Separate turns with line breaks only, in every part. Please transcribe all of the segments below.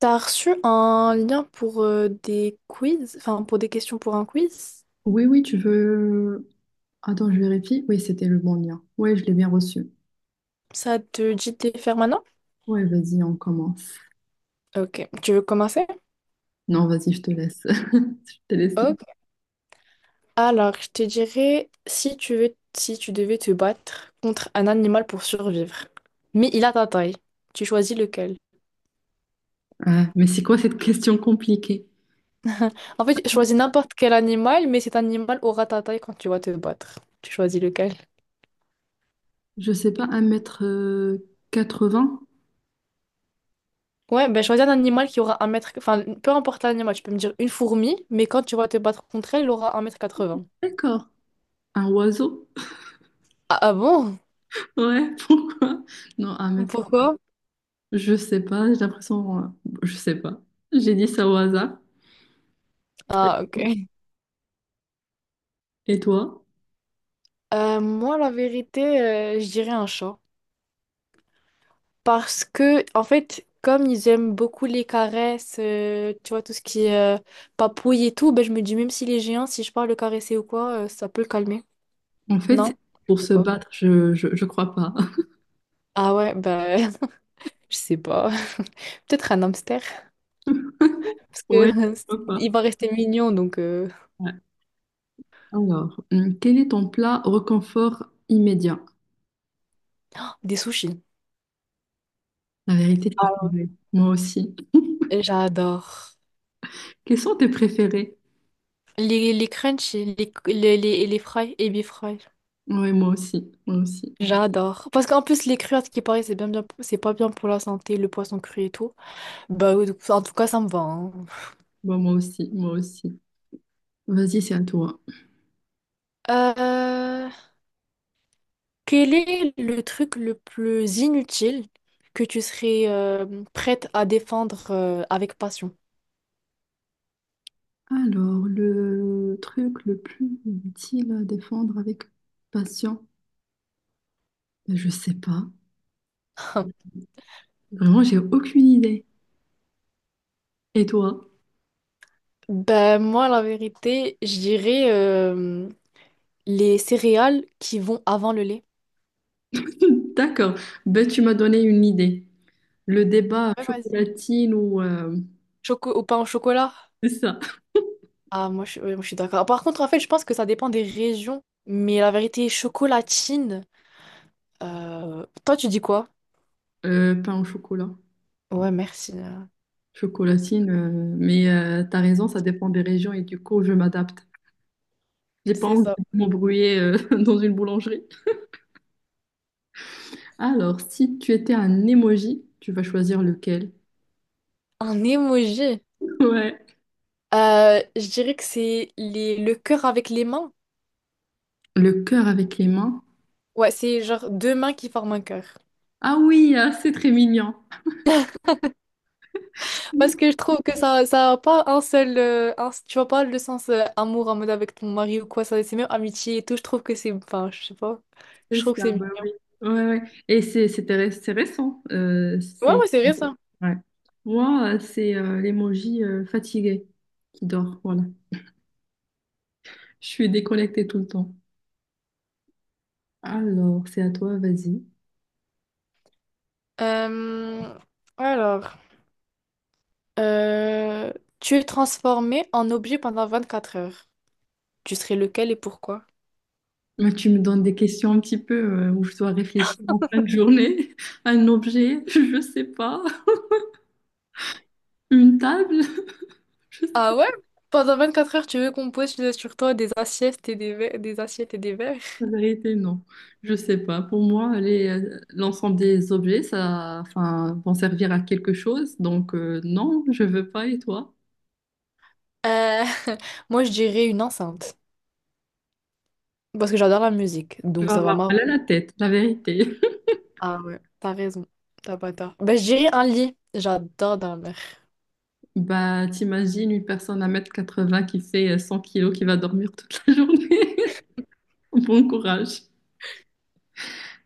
T'as reçu un lien pour des quiz, enfin pour des questions pour un quiz?
Oui, oui, tu veux. Attends, je vérifie. Oui, c'était le bon lien. Oui, je l'ai bien reçu.
Ça te dit de les faire maintenant?
Oui, vas-y, on commence.
Ok, tu veux commencer?
Non, vas-y, je te laisse. Je te laisse.
Ok. Alors, je te dirais si tu veux, si tu devais te battre contre un animal pour survivre, mais il a ta taille, tu choisis lequel?
Ah, mais c'est quoi cette question compliquée?
En fait, tu choisis n'importe quel animal, mais cet animal aura ta taille quand tu vas te battre. Tu choisis lequel?
Je sais pas, 1 quatre 80.
Ouais, ben choisis un animal qui aura un mètre, enfin peu importe l'animal, tu peux me dire une fourmi, mais quand tu vas te battre contre elle, elle aura 1 m 80.
D'accord. Un oiseau?
Ah, ah bon?
Ouais, pourquoi? Non, un mètre.
Pourquoi?
Je sais pas, j'ai l'impression. Je sais pas. J'ai dit ça au hasard.
Ah, ok.
Et toi?
Moi, la vérité, je dirais un chat. Parce que, en fait, comme ils aiment beaucoup les caresses, tu vois, tout ce qui est papouille et tout, ben, je me dis, même s'il est géant, si je pars le caresser ou quoi, ça peut le calmer.
En fait, c'est
Non? Je
pour
sais
se
pas.
battre, je crois pas.
Ah ouais, ben, je sais pas. Peut-être un hamster. Parce que
Ouais, je crois pas.
il va rester mignon, donc.
Ouais. Alors, quel est ton plat réconfort immédiat?
Des sushis.
La vérité, c'est
Alors,
pareil. Moi aussi.
j'adore.
Quels sont tes préférés?
Les crunchies, les fries, ebi fry.
Oui, moi aussi. Moi aussi.
J'adore. Parce qu'en plus, les crues, à ce qui paraît, c'est bien, bien, c'est pas bien pour la santé, le poisson cru et tout. Bah, oui, en tout cas, ça me va, hein.
Bon, moi aussi. Moi aussi. Vas-y, c'est à toi.
Euh, Quel est le truc le plus inutile que tu serais prête à défendre avec passion?
Alors, le truc le plus utile à défendre avec patience? Ben, je sais pas. Vraiment, j'ai aucune idée. Et toi?
Ben, moi, la vérité, je dirais les céréales qui vont avant le lait.
D'accord. Ben, tu m'as donné une idée. Le débat
Ouais, vas-y.
chocolatine ou
Choco au pain au chocolat?
c'est ça.
Ah, moi, je, ouais, moi, je suis d'accord. Par contre, en fait, je pense que ça dépend des régions. Mais la vérité, chocolatine. Toi, tu dis quoi?
Pain au chocolat.
Ouais, merci, euh.
Chocolatine, mais t'as raison, ça dépend des régions et du coup, je m'adapte. J'ai pas
C'est
envie
ça.
de m'embrouiller dans une boulangerie. Alors, si tu étais un emoji, tu vas choisir lequel?
Un emoji.
Ouais.
Je dirais que c'est les... le cœur avec les mains.
Le cœur avec les mains.
Ouais, c'est genre deux mains qui forment un cœur.
Ah oui, ah, c'est très mignon.
Parce que je trouve que ça a pas un seul, tu vois pas le sens amour en mode avec ton mari ou quoi, ça, c'est même amitié et tout. Je trouve que c'est. Enfin, je sais pas. Je
C'est
trouve que
ça,
c'est
bah
mignon.
oui. Ouais, ouais. Et c'est récent.
Ouais,
C'est
ouais, c'est vrai ça.
ouais. Moi, c'est l'emoji fatigué qui dort. Voilà. Je suis déconnectée tout le temps. Alors, c'est à toi, vas-y.
Euh, Alors, euh, tu es transformé en objet pendant 24 heures. Tu serais lequel et pourquoi?
Moi, tu me donnes des questions un petit peu où je dois réfléchir en fin de journée, un objet, je sais pas, une table, je sais pas.
Ah ouais? Pendant 24 heures, tu veux qu'on pose sur toi des assiettes et des verres, des assiettes et des verres?
La vérité, non, je sais pas. Pour moi, l'ensemble des objets, ça, enfin, vont servir à quelque chose. Donc, non, je veux pas. Et toi?
Euh, moi, je dirais une enceinte. Parce que j'adore la musique,
Tu
donc
vas
ça va
avoir
marre.
mal à la tête, la vérité.
Ah ouais, t'as raison. T'as pas tort. Bah, je dirais un lit. J'adore dormir
Bah, t'imagines une personne à un mètre quatre-vingts qui fait 100 kilos qui va dormir toute la journée. Bon courage.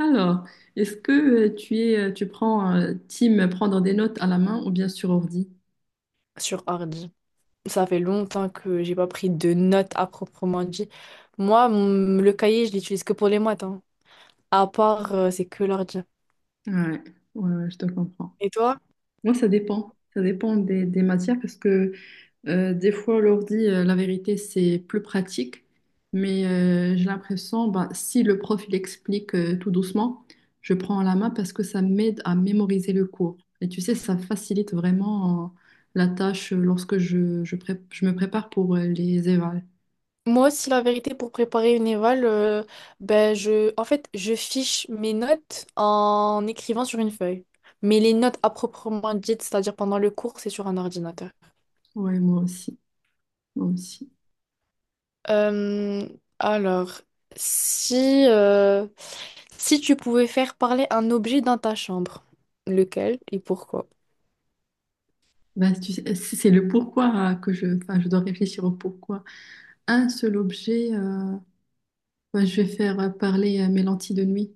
Alors, est-ce que tu prends team prendre des notes à la main ou bien sur ordi?
sur ordi. Ça fait longtemps que j'ai pas pris de notes à proprement dit. Moi, le cahier, je l'utilise que pour les maths, hein. À part, c'est que l'ordi.
Ouais, ouais, ouais, je te comprends.
Et toi?
Moi, ça dépend. Ça dépend des matières parce que des fois, l'ordi, la vérité, c'est plus pratique. Mais j'ai l'impression, bah, si le prof il explique tout doucement, je prends à la main parce que ça m'aide à mémoriser le cours. Et tu sais, ça facilite vraiment la tâche lorsque je me prépare pour les évals.
Moi aussi, la vérité, pour préparer une éval, ben je, en fait, je fiche mes notes en écrivant sur une feuille. Mais les notes à proprement dites, c'est-à-dire pendant le cours, c'est sur un ordinateur.
Ouais, moi aussi. Moi aussi.
Euh, alors, si, si tu pouvais faire parler un objet dans ta chambre, lequel et pourquoi?
Ben, tu sais, c'est le pourquoi que je, enfin, je dois réfléchir au pourquoi. Un seul objet, ben, je vais faire parler mes lentilles de nuit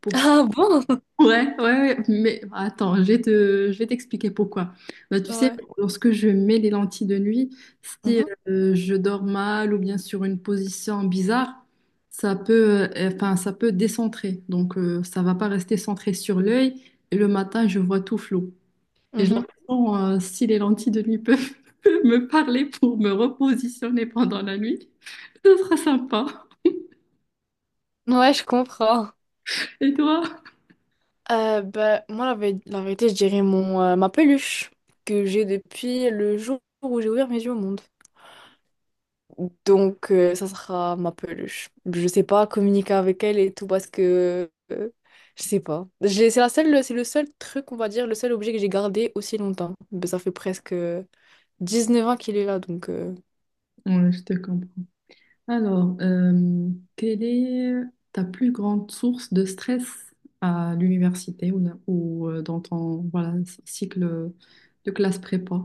pour ça.
Ah bon?
Ouais, ouais, ouais, mais attends, je vais t'expliquer pourquoi. Ben, tu sais,
Ouais.
lorsque je mets les lentilles de nuit, si je dors mal ou bien sur une position bizarre, ça peut, enfin, ça peut décentrer. Donc, ça va pas rester centré sur l'œil et le matin, je vois tout flou. Et j'ai
Mhm,
l'impression, si les lentilles de nuit peuvent me parler pour me repositionner pendant la nuit, ce sera sympa.
mhm. Ouais, je comprends.
Et toi?
Bah, moi, la, la vérité, je dirais mon, ma peluche que j'ai depuis le jour où j'ai ouvert mes yeux au monde. Donc, ça sera ma peluche. Je sais pas communiquer avec elle et tout parce que je sais pas. J'ai- C'est la seule, c'est le seul truc, on va dire, le seul objet que j'ai gardé aussi longtemps. Ben ça fait presque 19 ans qu'il est là, donc.
Ouais, je te comprends. Alors, quelle est ta plus grande source de stress à l'université ou, dans ton voilà, cycle de classe prépa?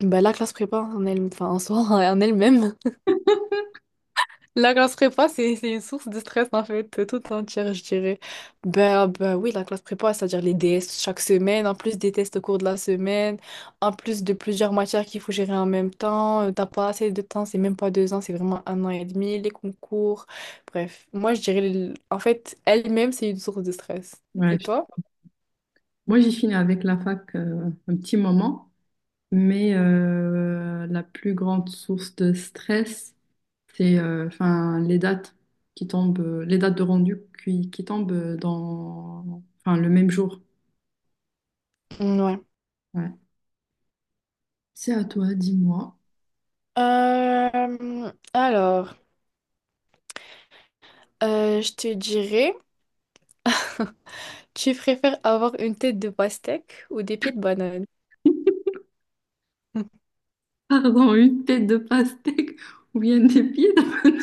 Bah, la classe prépa en elle, enfin, en soi, en elle-même. La classe prépa, c'est une source de stress en fait, toute entière, je dirais. Ben, ben oui, la classe prépa, c'est-à-dire les DS chaque semaine, en plus des tests au cours de la semaine, en plus de plusieurs matières qu'il faut gérer en même temps, t'as pas assez de temps, c'est même pas deux ans, c'est vraiment un an et demi, les concours. Bref, moi je dirais, en fait, elle-même, c'est une source de stress.
Ouais,
Et toi?
moi, j'ai fini avec la fac un petit moment, mais la plus grande source de stress, c'est enfin les dates qui tombent, les dates de rendu qui tombent dans enfin le même jour.
Ouais.
Ouais. C'est à toi, dis-moi.
Alors, je te dirais, tu préfères avoir une tête de pastèque ou des pieds de banane?
Pardon, une tête de pastèque ou bien des pieds de.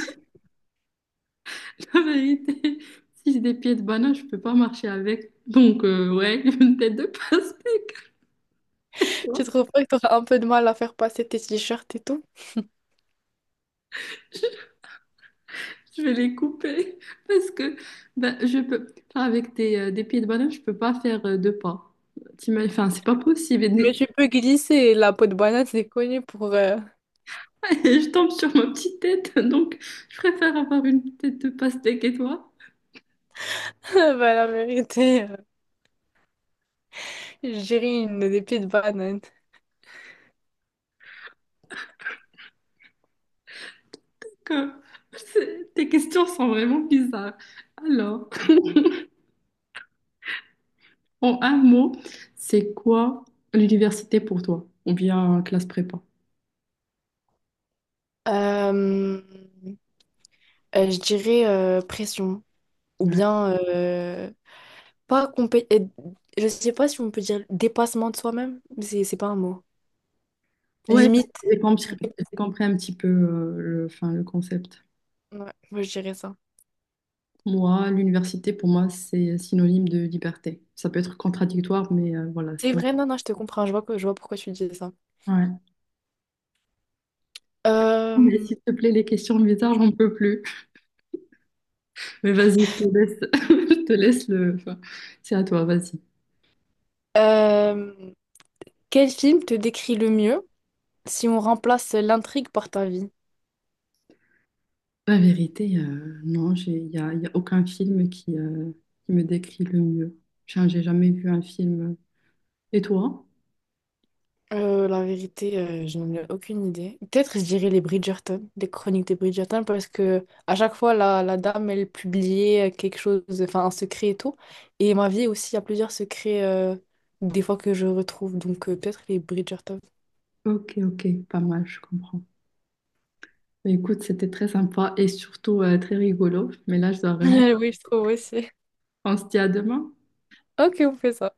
La vérité, si j'ai des pieds de banane, je peux pas marcher avec. Donc ouais, une tête de pastèque.
Tu trouves pas que t'auras un peu de mal à faire passer tes t-shirts et tout?
Je vais les couper parce que ben, je peux enfin, avec des pieds de banane, je peux pas faire deux pas. Enfin, c'est pas possible.
Mais tu peux glisser. La peau de banane, c'est connu pour...
Et je tombe sur ma petite tête, donc je préfère avoir une tête de pastèque et toi,
bah, la vérité, je dirais une des pieds de banane.
que tes questions sont vraiment bizarres. Alors, en un mot, c'est quoi l'université pour toi? Ou bien classe prépa?
Euh, je dirais pression. Ou
Ouais,
bien, pas compé... je sais pas si on peut dire dépassement de soi-même, mais c'est pas un mot.
ouais,
Limite.
j'ai compris, j'ai compris un petit peu le, enfin, le concept.
Ouais, moi je dirais ça.
Moi, l'université, pour moi, c'est synonyme de liberté. Ça peut être contradictoire, mais voilà,
C'est
pour moi.
vrai, non, non, je te comprends, je vois, je vois pourquoi tu dis ça.
Ouais. Mais
Euh,
s'il te plaît, les questions bizarres, j'en peux plus. Mais vas-y, je te laisse, je te laisse le. Enfin, c'est à toi, vas-y.
euh, quel film te décrit le mieux? Si on remplace l'intrigue par ta vie,
La vérité, non, j'ai, il y a, y a aucun film qui me décrit le mieux. Tiens, j'ai jamais vu un film. Et toi?
la vérité, je n'en ai aucune idée. Peut-être je dirais les Bridgerton, les chroniques des Bridgerton, parce que à chaque fois, la dame, elle publiait quelque chose, enfin un secret et tout. Et ma vie aussi, il y a plusieurs secrets, des fois que je retrouve. Donc peut-être les Bridgerton.
Ok, ok, pas mal, je comprends. Bah, écoute, c'était très sympa et surtout très rigolo. Mais là, je dois vraiment.
Oui, je trouve aussi.
On se dit à demain.
Ok, on fait ça.